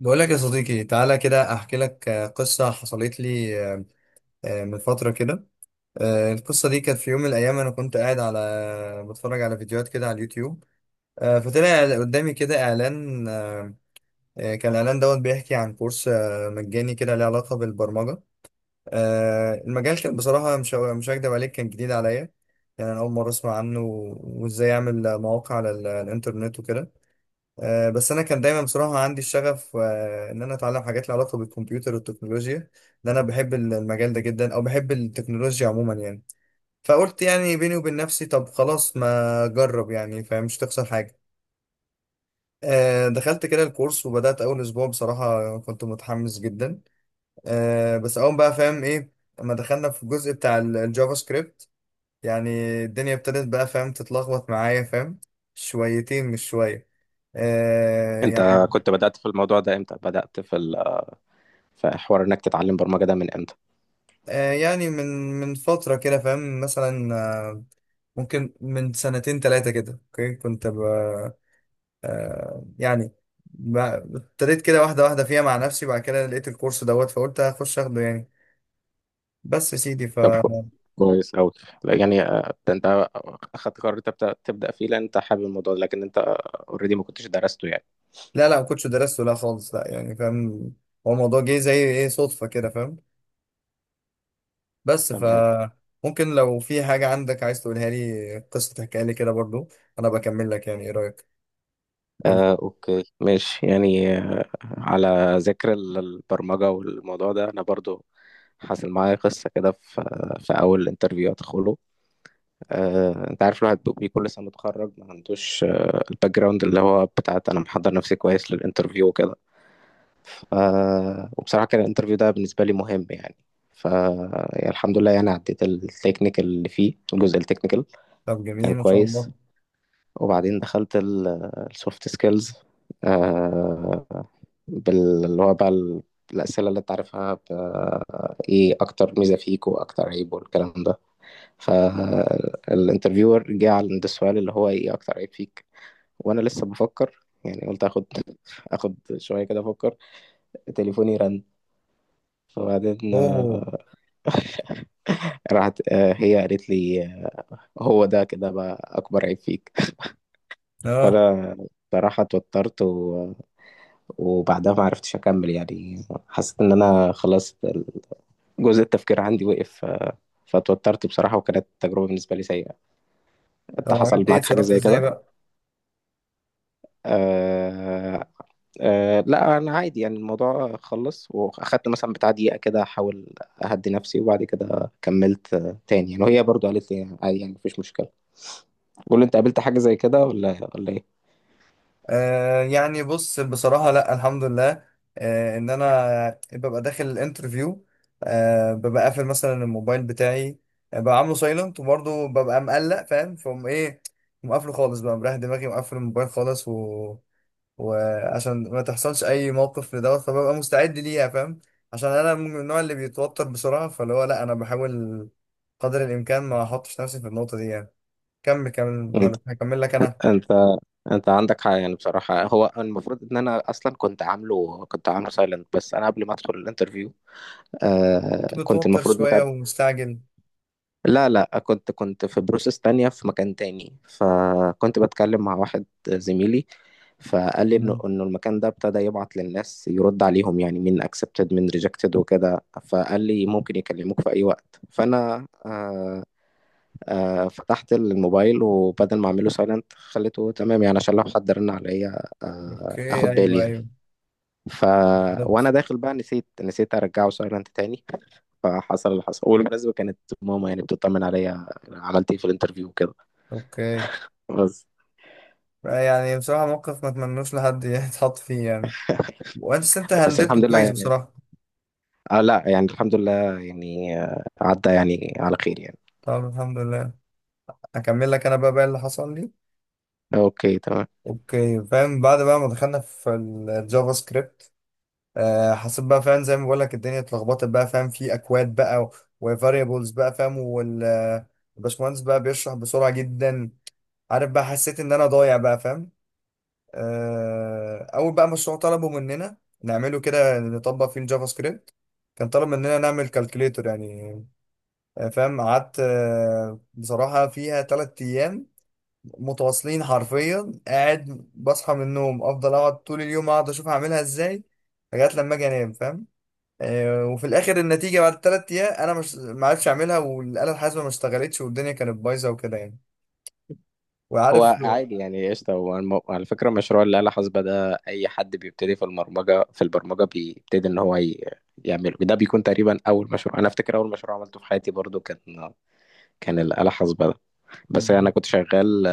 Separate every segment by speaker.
Speaker 1: بقول لك يا صديقي، تعالى كده احكي لك، قصة حصلت لي من فترة كده. القصة دي كانت في يوم من الايام، انا كنت قاعد على بتفرج على فيديوهات كده على اليوتيوب. فطلع قدامي كده اعلان. كان الاعلان دوت بيحكي عن كورس مجاني كده له علاقة بالبرمجة. المجال كان بصراحة مش هكدب عليك، كان جديد عليا، يعني انا اول مرة اسمع عنه، وازاي اعمل مواقع على الانترنت وكده. بس انا كان دايما بصراحه عندي الشغف ان انا اتعلم حاجات لها علاقه بالكمبيوتر والتكنولوجيا، لان انا بحب المجال ده جدا، او بحب التكنولوجيا عموما يعني. فقلت يعني بيني وبين نفسي، طب خلاص ما اجرب يعني، فمش تخسر حاجه. دخلت كده الكورس وبدات. اول اسبوع بصراحه كنت متحمس جدا. بس اول بقى فاهم ايه، لما دخلنا في الجزء بتاع الجافا سكريبت يعني، الدنيا ابتدت بقى فاهم تتلخبط معايا فاهم شويتين مش شويه. آه،
Speaker 2: انت
Speaker 1: يعني
Speaker 2: كنت بدأت في الموضوع ده امتى؟ بدأت في في حوار انك تتعلم برمجة ده من امتى؟
Speaker 1: يعني من فترة كده فاهم، مثلا آه، ممكن من سنتين تلاتة كده. اوكي، كنت ب... آه، يعني ب- ابتديت كده واحدة واحدة فيها مع نفسي. بعد كده لقيت الكورس دوت، فقلت هخش اخده يعني. بس يا سيدي ف...
Speaker 2: طب كويس أوي، يعني آه، ده انت اخدت قرار تبدأ فيه لان انت حابب الموضوع ده، لكن انت اوريدي ما كنتش درسته يعني.
Speaker 1: لا لا، ما كنتش درسته، لا خالص، لا يعني فاهم. هو الموضوع جه زي ايه، صدفة كده فاهم. بس ف...
Speaker 2: تمام.
Speaker 1: ممكن لو في حاجة عندك عايز تقولها لي، قصة تحكيها لي كده برضو. أنا بكمل لك، يعني إيه رأيك؟ قول.
Speaker 2: آه اوكي ماشي، يعني على ذكر البرمجة والموضوع ده، انا برضو حصل معايا قصة كده في في اول انترفيو ادخله. انت عارف الواحد بيبقى كل سنه متخرج ما عندوش الباك جراوند، اللي هو بتاعت انا محضر نفسي كويس للانترفيو وكده. ف... وبصراحة كان الانترفيو ده بالنسبة لي مهم يعني. ف يعني الحمد لله يعني عديت التكنيكال، اللي فيه الجزء التكنيكال
Speaker 1: طب
Speaker 2: كان
Speaker 1: جميل ما شاء
Speaker 2: كويس.
Speaker 1: الله.
Speaker 2: وبعدين دخلت السوفت سكيلز، آه، اللي هو بقى الأسئلة اللي أنت عارفها، إيه أكتر ميزة فيك وأكتر عيب والكلام ده. فالانترفيور جه عند السؤال اللي هو إيه أكتر عيب فيك، وأنا لسه بفكر. يعني قلت آخد شوية كده أفكر. تليفوني رن، فبعدين
Speaker 1: أوه.
Speaker 2: راحت. هي قالت لي آه، هو ده كده بقى أكبر عيب فيك.
Speaker 1: آه.
Speaker 2: فأنا صراحة اتوترت وبعدها ما عرفتش أكمل، يعني حسيت إن أنا خلاص جزء التفكير عندي وقف فاتوترت بصراحة، وكانت تجربة بالنسبة لي سيئة.
Speaker 1: طب
Speaker 2: أنت حصل
Speaker 1: عملت ايه،
Speaker 2: معاك حاجة
Speaker 1: اتصرفت
Speaker 2: زي
Speaker 1: ازاي
Speaker 2: كده؟
Speaker 1: بقى؟
Speaker 2: آه، أه لا انا عادي يعني، الموضوع خلص واخدت مثلا بتاع دقيقه كده احاول اهدي نفسي، وبعد كده كملت تاني يعني، وهي برضو قالت لي عادي يعني مفيش مشكله. قول لي انت، قابلت حاجه زي كده ولا ايه؟
Speaker 1: يعني بص، بصراحة لا الحمد لله، ان انا ببقى داخل الانترفيو، ببقى قافل مثلا الموبايل بتاعي، ببقى عامله سايلنت، وبرضه ببقى مقلق فاهم، فقوم ايه، مقفله خالص بقى، مريح دماغي، مقفل الموبايل خالص، و... وعشان ما تحصلش اي موقف لدوت، فببقى مستعد ليها فاهم. عشان انا من النوع اللي بيتوتر بسرعة، فاللي هو لا انا بحاول قدر الامكان ما احطش نفسي في النقطة دي يعني. كمل كمل،
Speaker 2: انت
Speaker 1: ولا هكمل لك انا؟
Speaker 2: انت انت عندك حق يعني، بصراحه هو المفروض ان انا اصلا كنت عامله، كنت عامله سايلنت، بس انا قبل ما ادخل الانترفيو
Speaker 1: كنت
Speaker 2: آه كنت
Speaker 1: متوتر
Speaker 2: المفروض
Speaker 1: شوية
Speaker 2: متابع.
Speaker 1: ومستعجل.
Speaker 2: لا كنت في بروسس تانية في مكان تاني، فكنت بتكلم مع واحد زميلي، فقال لي انه
Speaker 1: مم.
Speaker 2: انه المكان ده ابتدى يبعت للناس يرد عليهم، يعني مين اكسبتد مين ريجكتد وكده، فقال لي ممكن يكلموك في اي وقت، فانا آه آه فتحت الموبايل، وبدل ما اعمله سايلنت خليته تمام يعني، عشان لو حد رن عليا آه
Speaker 1: اوكي،
Speaker 2: اخد بالي
Speaker 1: ايوه
Speaker 2: يعني.
Speaker 1: ايوه،
Speaker 2: ف وانا
Speaker 1: بالظبط.
Speaker 2: داخل بقى نسيت ارجعه سايلنت تاني. فحصل اللي حصل، والمناسبة كانت ماما يعني بتطمن عليا أنا عملت ايه في الانترفيو وكده.
Speaker 1: اوكي،
Speaker 2: بس
Speaker 1: يعني بصراحة موقف ما اتمنوش لحد يتحط فيه يعني. وانت
Speaker 2: بس
Speaker 1: هندلته
Speaker 2: الحمد لله
Speaker 1: كويس
Speaker 2: يعني.
Speaker 1: بصراحة.
Speaker 2: آه لا يعني الحمد لله يعني، آه، عدى يعني على خير يعني.
Speaker 1: طب الحمد لله. هكمل لك انا بقى اللي حصل لي.
Speaker 2: اوكي تمام.
Speaker 1: اوكي فاهم. بعد بقى ما دخلنا في الجافا سكريبت، آه حسيت بقى فاهم، زي ما بقول لك الدنيا اتلخبطت بقى فاهم، في اكواد بقى، وفاريبلز بقى فاهم، الباشمهندس بقى بيشرح بسرعة جدا، عارف بقى، حسيت ان انا ضايع بقى فاهم. اول بقى مشروع طلبوا مننا نعمله كده، نطبق فيه الجافا سكريبت، كان طلب مننا نعمل كالكوليتور يعني. فاهم قعدت بصراحة فيها 3 ايام متواصلين، حرفيا قاعد بصحى من النوم افضل اقعد طول اليوم، اقعد اشوف هعملها ازاي لغاية لما اجي انام فاهم. وفي الاخر النتيجة بعد التلات ايام، انا مش ما عرفتش اعملها، والآلة الحاسبة ما اشتغلتش، والدنيا كانت بايظة وكده يعني.
Speaker 2: هو
Speaker 1: وعارف.
Speaker 2: عادي يعني، قشطة، هو على فكرة مشروع الآلة حاسبة ده أي حد بيبتدي في البرمجة بيبتدي إن هو يعمله، ده بيكون تقريبا أول مشروع. أنا أفتكر أول مشروع عملته في حياتي برضو كان الآلة حاسبة ده، بس أنا كنت شغال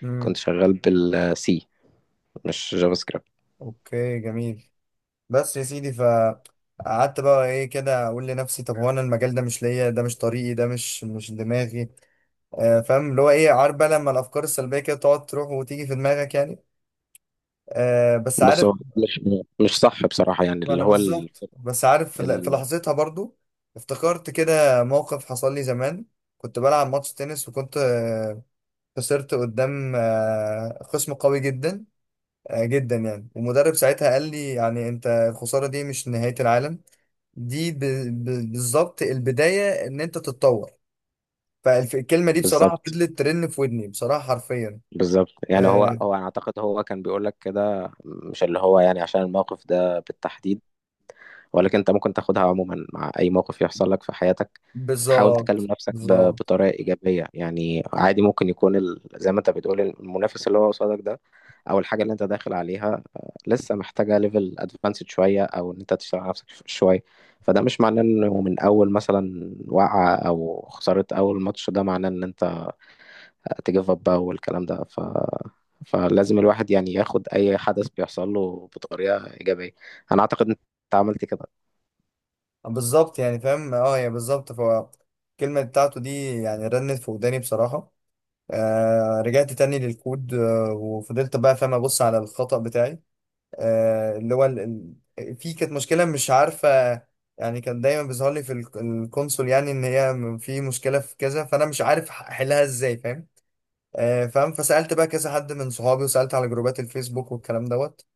Speaker 1: مم.
Speaker 2: بالسي، مش جافا سكريبت.
Speaker 1: اوكي جميل. بس يا سيدي، فقعدت بقى ايه كده اقول لنفسي، طب هو انا المجال ده مش ليا، ده مش طريقي، ده مش دماغي. آه فاهم، اللي هو ايه، عارف بقى لما الافكار السلبيه كده تقعد تروح وتيجي في دماغك يعني. آه بس
Speaker 2: بص،
Speaker 1: عارف،
Speaker 2: هو مش صح بصراحة، يعني
Speaker 1: ما انا بالظبط، بس عارف في في
Speaker 2: ال...
Speaker 1: لحظتها برضو افتكرت كده موقف حصل لي زمان. كنت بلعب ماتش تنس، وكنت آه خسرت قدام آه خصم قوي جدا، جدا يعني. ومدرب ساعتها قال لي يعني، انت الخسارة دي مش نهاية العالم، دي بالظبط البداية ان انت تتطور. فالكلمة دي بصراحة
Speaker 2: بالظبط.
Speaker 1: فضلت ترن في ودني بصراحة حرفيا.
Speaker 2: بالظبط يعني، هو
Speaker 1: آه
Speaker 2: هو أنا أعتقد هو كان بيقول لك كده، مش اللي هو يعني عشان الموقف ده بالتحديد، ولكن انت ممكن تاخدها عموما مع اي موقف يحصل لك في حياتك. حاول تكلم
Speaker 1: بالظبط
Speaker 2: نفسك
Speaker 1: بالظبط.
Speaker 2: بطريقه ايجابيه يعني، عادي ممكن يكون زي ما انت بتقول، المنافس اللي هو قصادك ده، او الحاجه اللي انت داخل عليها آه، لسه محتاجه ليفل ادفانسد شويه، او ان انت تشتغل على نفسك شويه. فده مش معناه انه من اول مثلا وقعه او خساره اول ماتش، ده معناه ان انت تجيف اب بقى والكلام ده. ف فلازم الواحد يعني ياخد اي حدث بيحصل له بطريقه ايجابيه. انا اعتقد انت عملت كده.
Speaker 1: بالظبط يعني فاهم، اه هي بالظبط، فالكلمة بتاعته دي يعني رنت في وداني بصراحة. آه رجعت تاني للكود، آه وفضلت بقى فاهم ابص على الخطأ بتاعي، اللي هو في كانت مشكلة مش عارفة يعني، كان دايما بيظهر لي في الكونسول يعني ان هي في مشكلة في كذا، فانا مش عارف احلها ازاي فاهم. فاهم، فسألت بقى كذا حد من صحابي، وسألت على جروبات الفيسبوك والكلام دوت،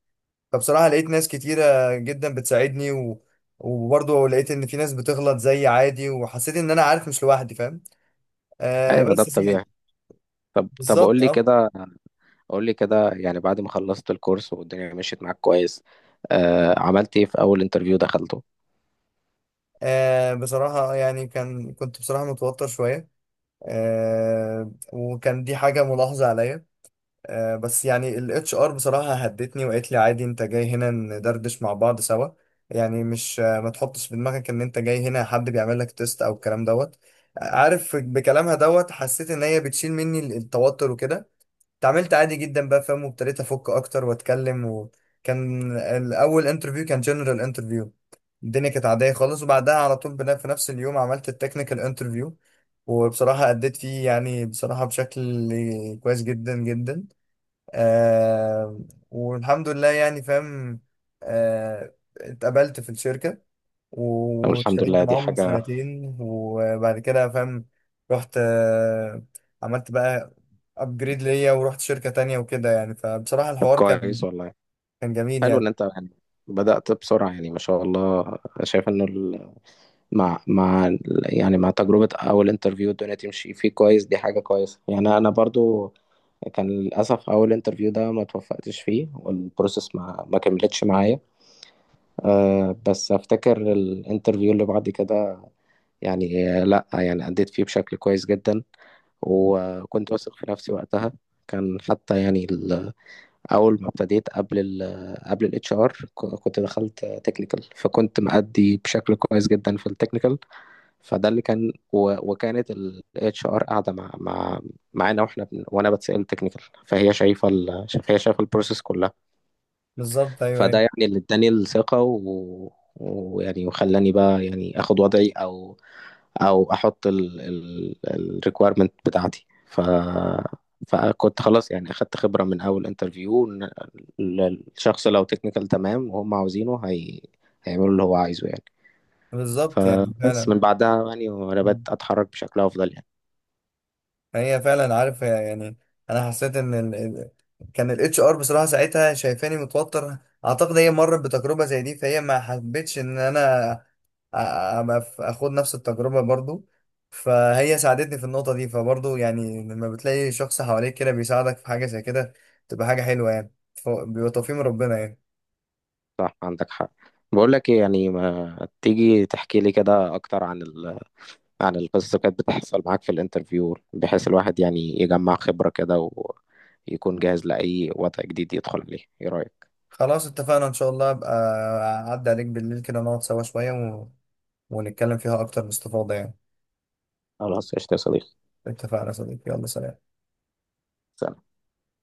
Speaker 1: فبصراحة لقيت ناس كتيرة جدا بتساعدني و... وبرضه لقيت ان في ناس بتغلط زي عادي، وحسيت ان انا عارف مش لوحدي فاهم. آه
Speaker 2: ايوه، ده
Speaker 1: بس يا سيدي.
Speaker 2: الطبيعي. طب قول
Speaker 1: بالظبط
Speaker 2: لي
Speaker 1: اه.
Speaker 2: كده، يعني بعد ما خلصت الكورس والدنيا مشيت معاك كويس آه، عملت ايه في اول انترفيو دخلته؟
Speaker 1: بصراحة يعني كنت بصراحة متوتر شوية، آه وكان دي حاجة ملاحظة عليا. آه بس يعني ال HR بصراحة هدتني وقالت لي عادي، انت جاي هنا ندردش مع بعض سوا، يعني مش آه ما تحطش في دماغك ان انت جاي هنا حد بيعمل لك تيست او الكلام دوت. عارف بكلامها دوت حسيت ان هي بتشيل مني التوتر وكده. اتعاملت عادي جدا بقى فاهم، وابتديت افك اكتر واتكلم. وكان الاول انترفيو كان جنرال انترفيو، الدنيا كانت عاديه خالص. وبعدها على طول في نفس اليوم عملت التكنيكال انترفيو، وبصراحه اديت فيه يعني بصراحه بشكل كويس جدا جدا. آه والحمد لله يعني فاهم. آه اتقبلت في الشركه،
Speaker 2: طب الحمد
Speaker 1: واشتغلت
Speaker 2: لله، دي
Speaker 1: معاهم
Speaker 2: حاجة.
Speaker 1: سنتين، وبعد كده فاهم رحت، عملت بقى ابجريد ليا، ورحت شركة تانية وكده يعني. فبصراحة
Speaker 2: طب
Speaker 1: الحوار كان
Speaker 2: كويس والله.
Speaker 1: جميل
Speaker 2: حلو ان
Speaker 1: يعني.
Speaker 2: انت يعني بدأت بسرعة يعني ما شاء الله. شايف انه مع يعني مع تجربة اول انترفيو الدنيا تمشي فيه كويس، دي حاجة كويسة. يعني انا برضو كان للأسف أول انترفيو ده ما توفقتش فيه، والبروسيس ما كملتش معايا. أه بس أفتكر الانترفيو اللي بعد كده، يعني لا يعني أديت فيه بشكل كويس جدا، وكنت واثق في نفسي وقتها. كان حتى يعني أول ما ابتديت قبل قبل الاتش ار كنت دخلت تكنيكال، فكنت مأدي بشكل كويس جدا في التكنيكال. فده اللي كان، وكانت الاتش ار قاعدة مع معانا، واحنا وانا بتسأل تكنيكال، فهي شايفة هي شايفة البروسيس كلها.
Speaker 1: بالظبط ايوه
Speaker 2: فده
Speaker 1: ايوه.
Speaker 2: يعني اللي اداني الثقة ويعني وخلاني بقى يعني اخد وضعي او او احط ال ال الريكويرمنت بتاعتي. ف فكنت خلاص يعني اخدت خبرة من اول انترفيو ان الشخص لو تكنيكال تمام وهم عاوزينه هيعملوا اللي هو عايزه يعني.
Speaker 1: بالظبط يعني
Speaker 2: فبس
Speaker 1: فعلا.
Speaker 2: من بعدها يعني وانا بدأت اتحرك بشكل افضل يعني.
Speaker 1: هي فعلا عارف يعني، انا حسيت ان كان الاتش ار بصراحه ساعتها شايفاني متوتر، اعتقد هي مرت بتجربه زي دي، فهي ما حبتش ان انا اخد نفس التجربه برضو. فهي ساعدتني في النقطه دي، فبرضو يعني لما بتلاقي شخص حواليك كده بيساعدك في حاجه زي كده، تبقى حاجه حلوه يعني. بيبقى توفيق من ربنا يعني.
Speaker 2: صح، عندك حق. بقول لك ايه، يعني ما تيجي تحكي لي كده اكتر عن عن القصص اللي كانت بتحصل معاك في الانترفيو، بحيث الواحد يعني يجمع خبرة كده، ويكون جاهز لأي وضع جديد يدخل عليه، ايه رأيك؟
Speaker 1: خلاص اتفقنا ان شاء الله، ابقى اعدي عليك بالليل كده، نقعد سوا شويه و... ونتكلم فيها اكتر باستفاضه يعني.
Speaker 2: خلاص قشطة يا صديقي.
Speaker 1: اتفقنا يا صديقي، يلا سلام.
Speaker 2: سلام.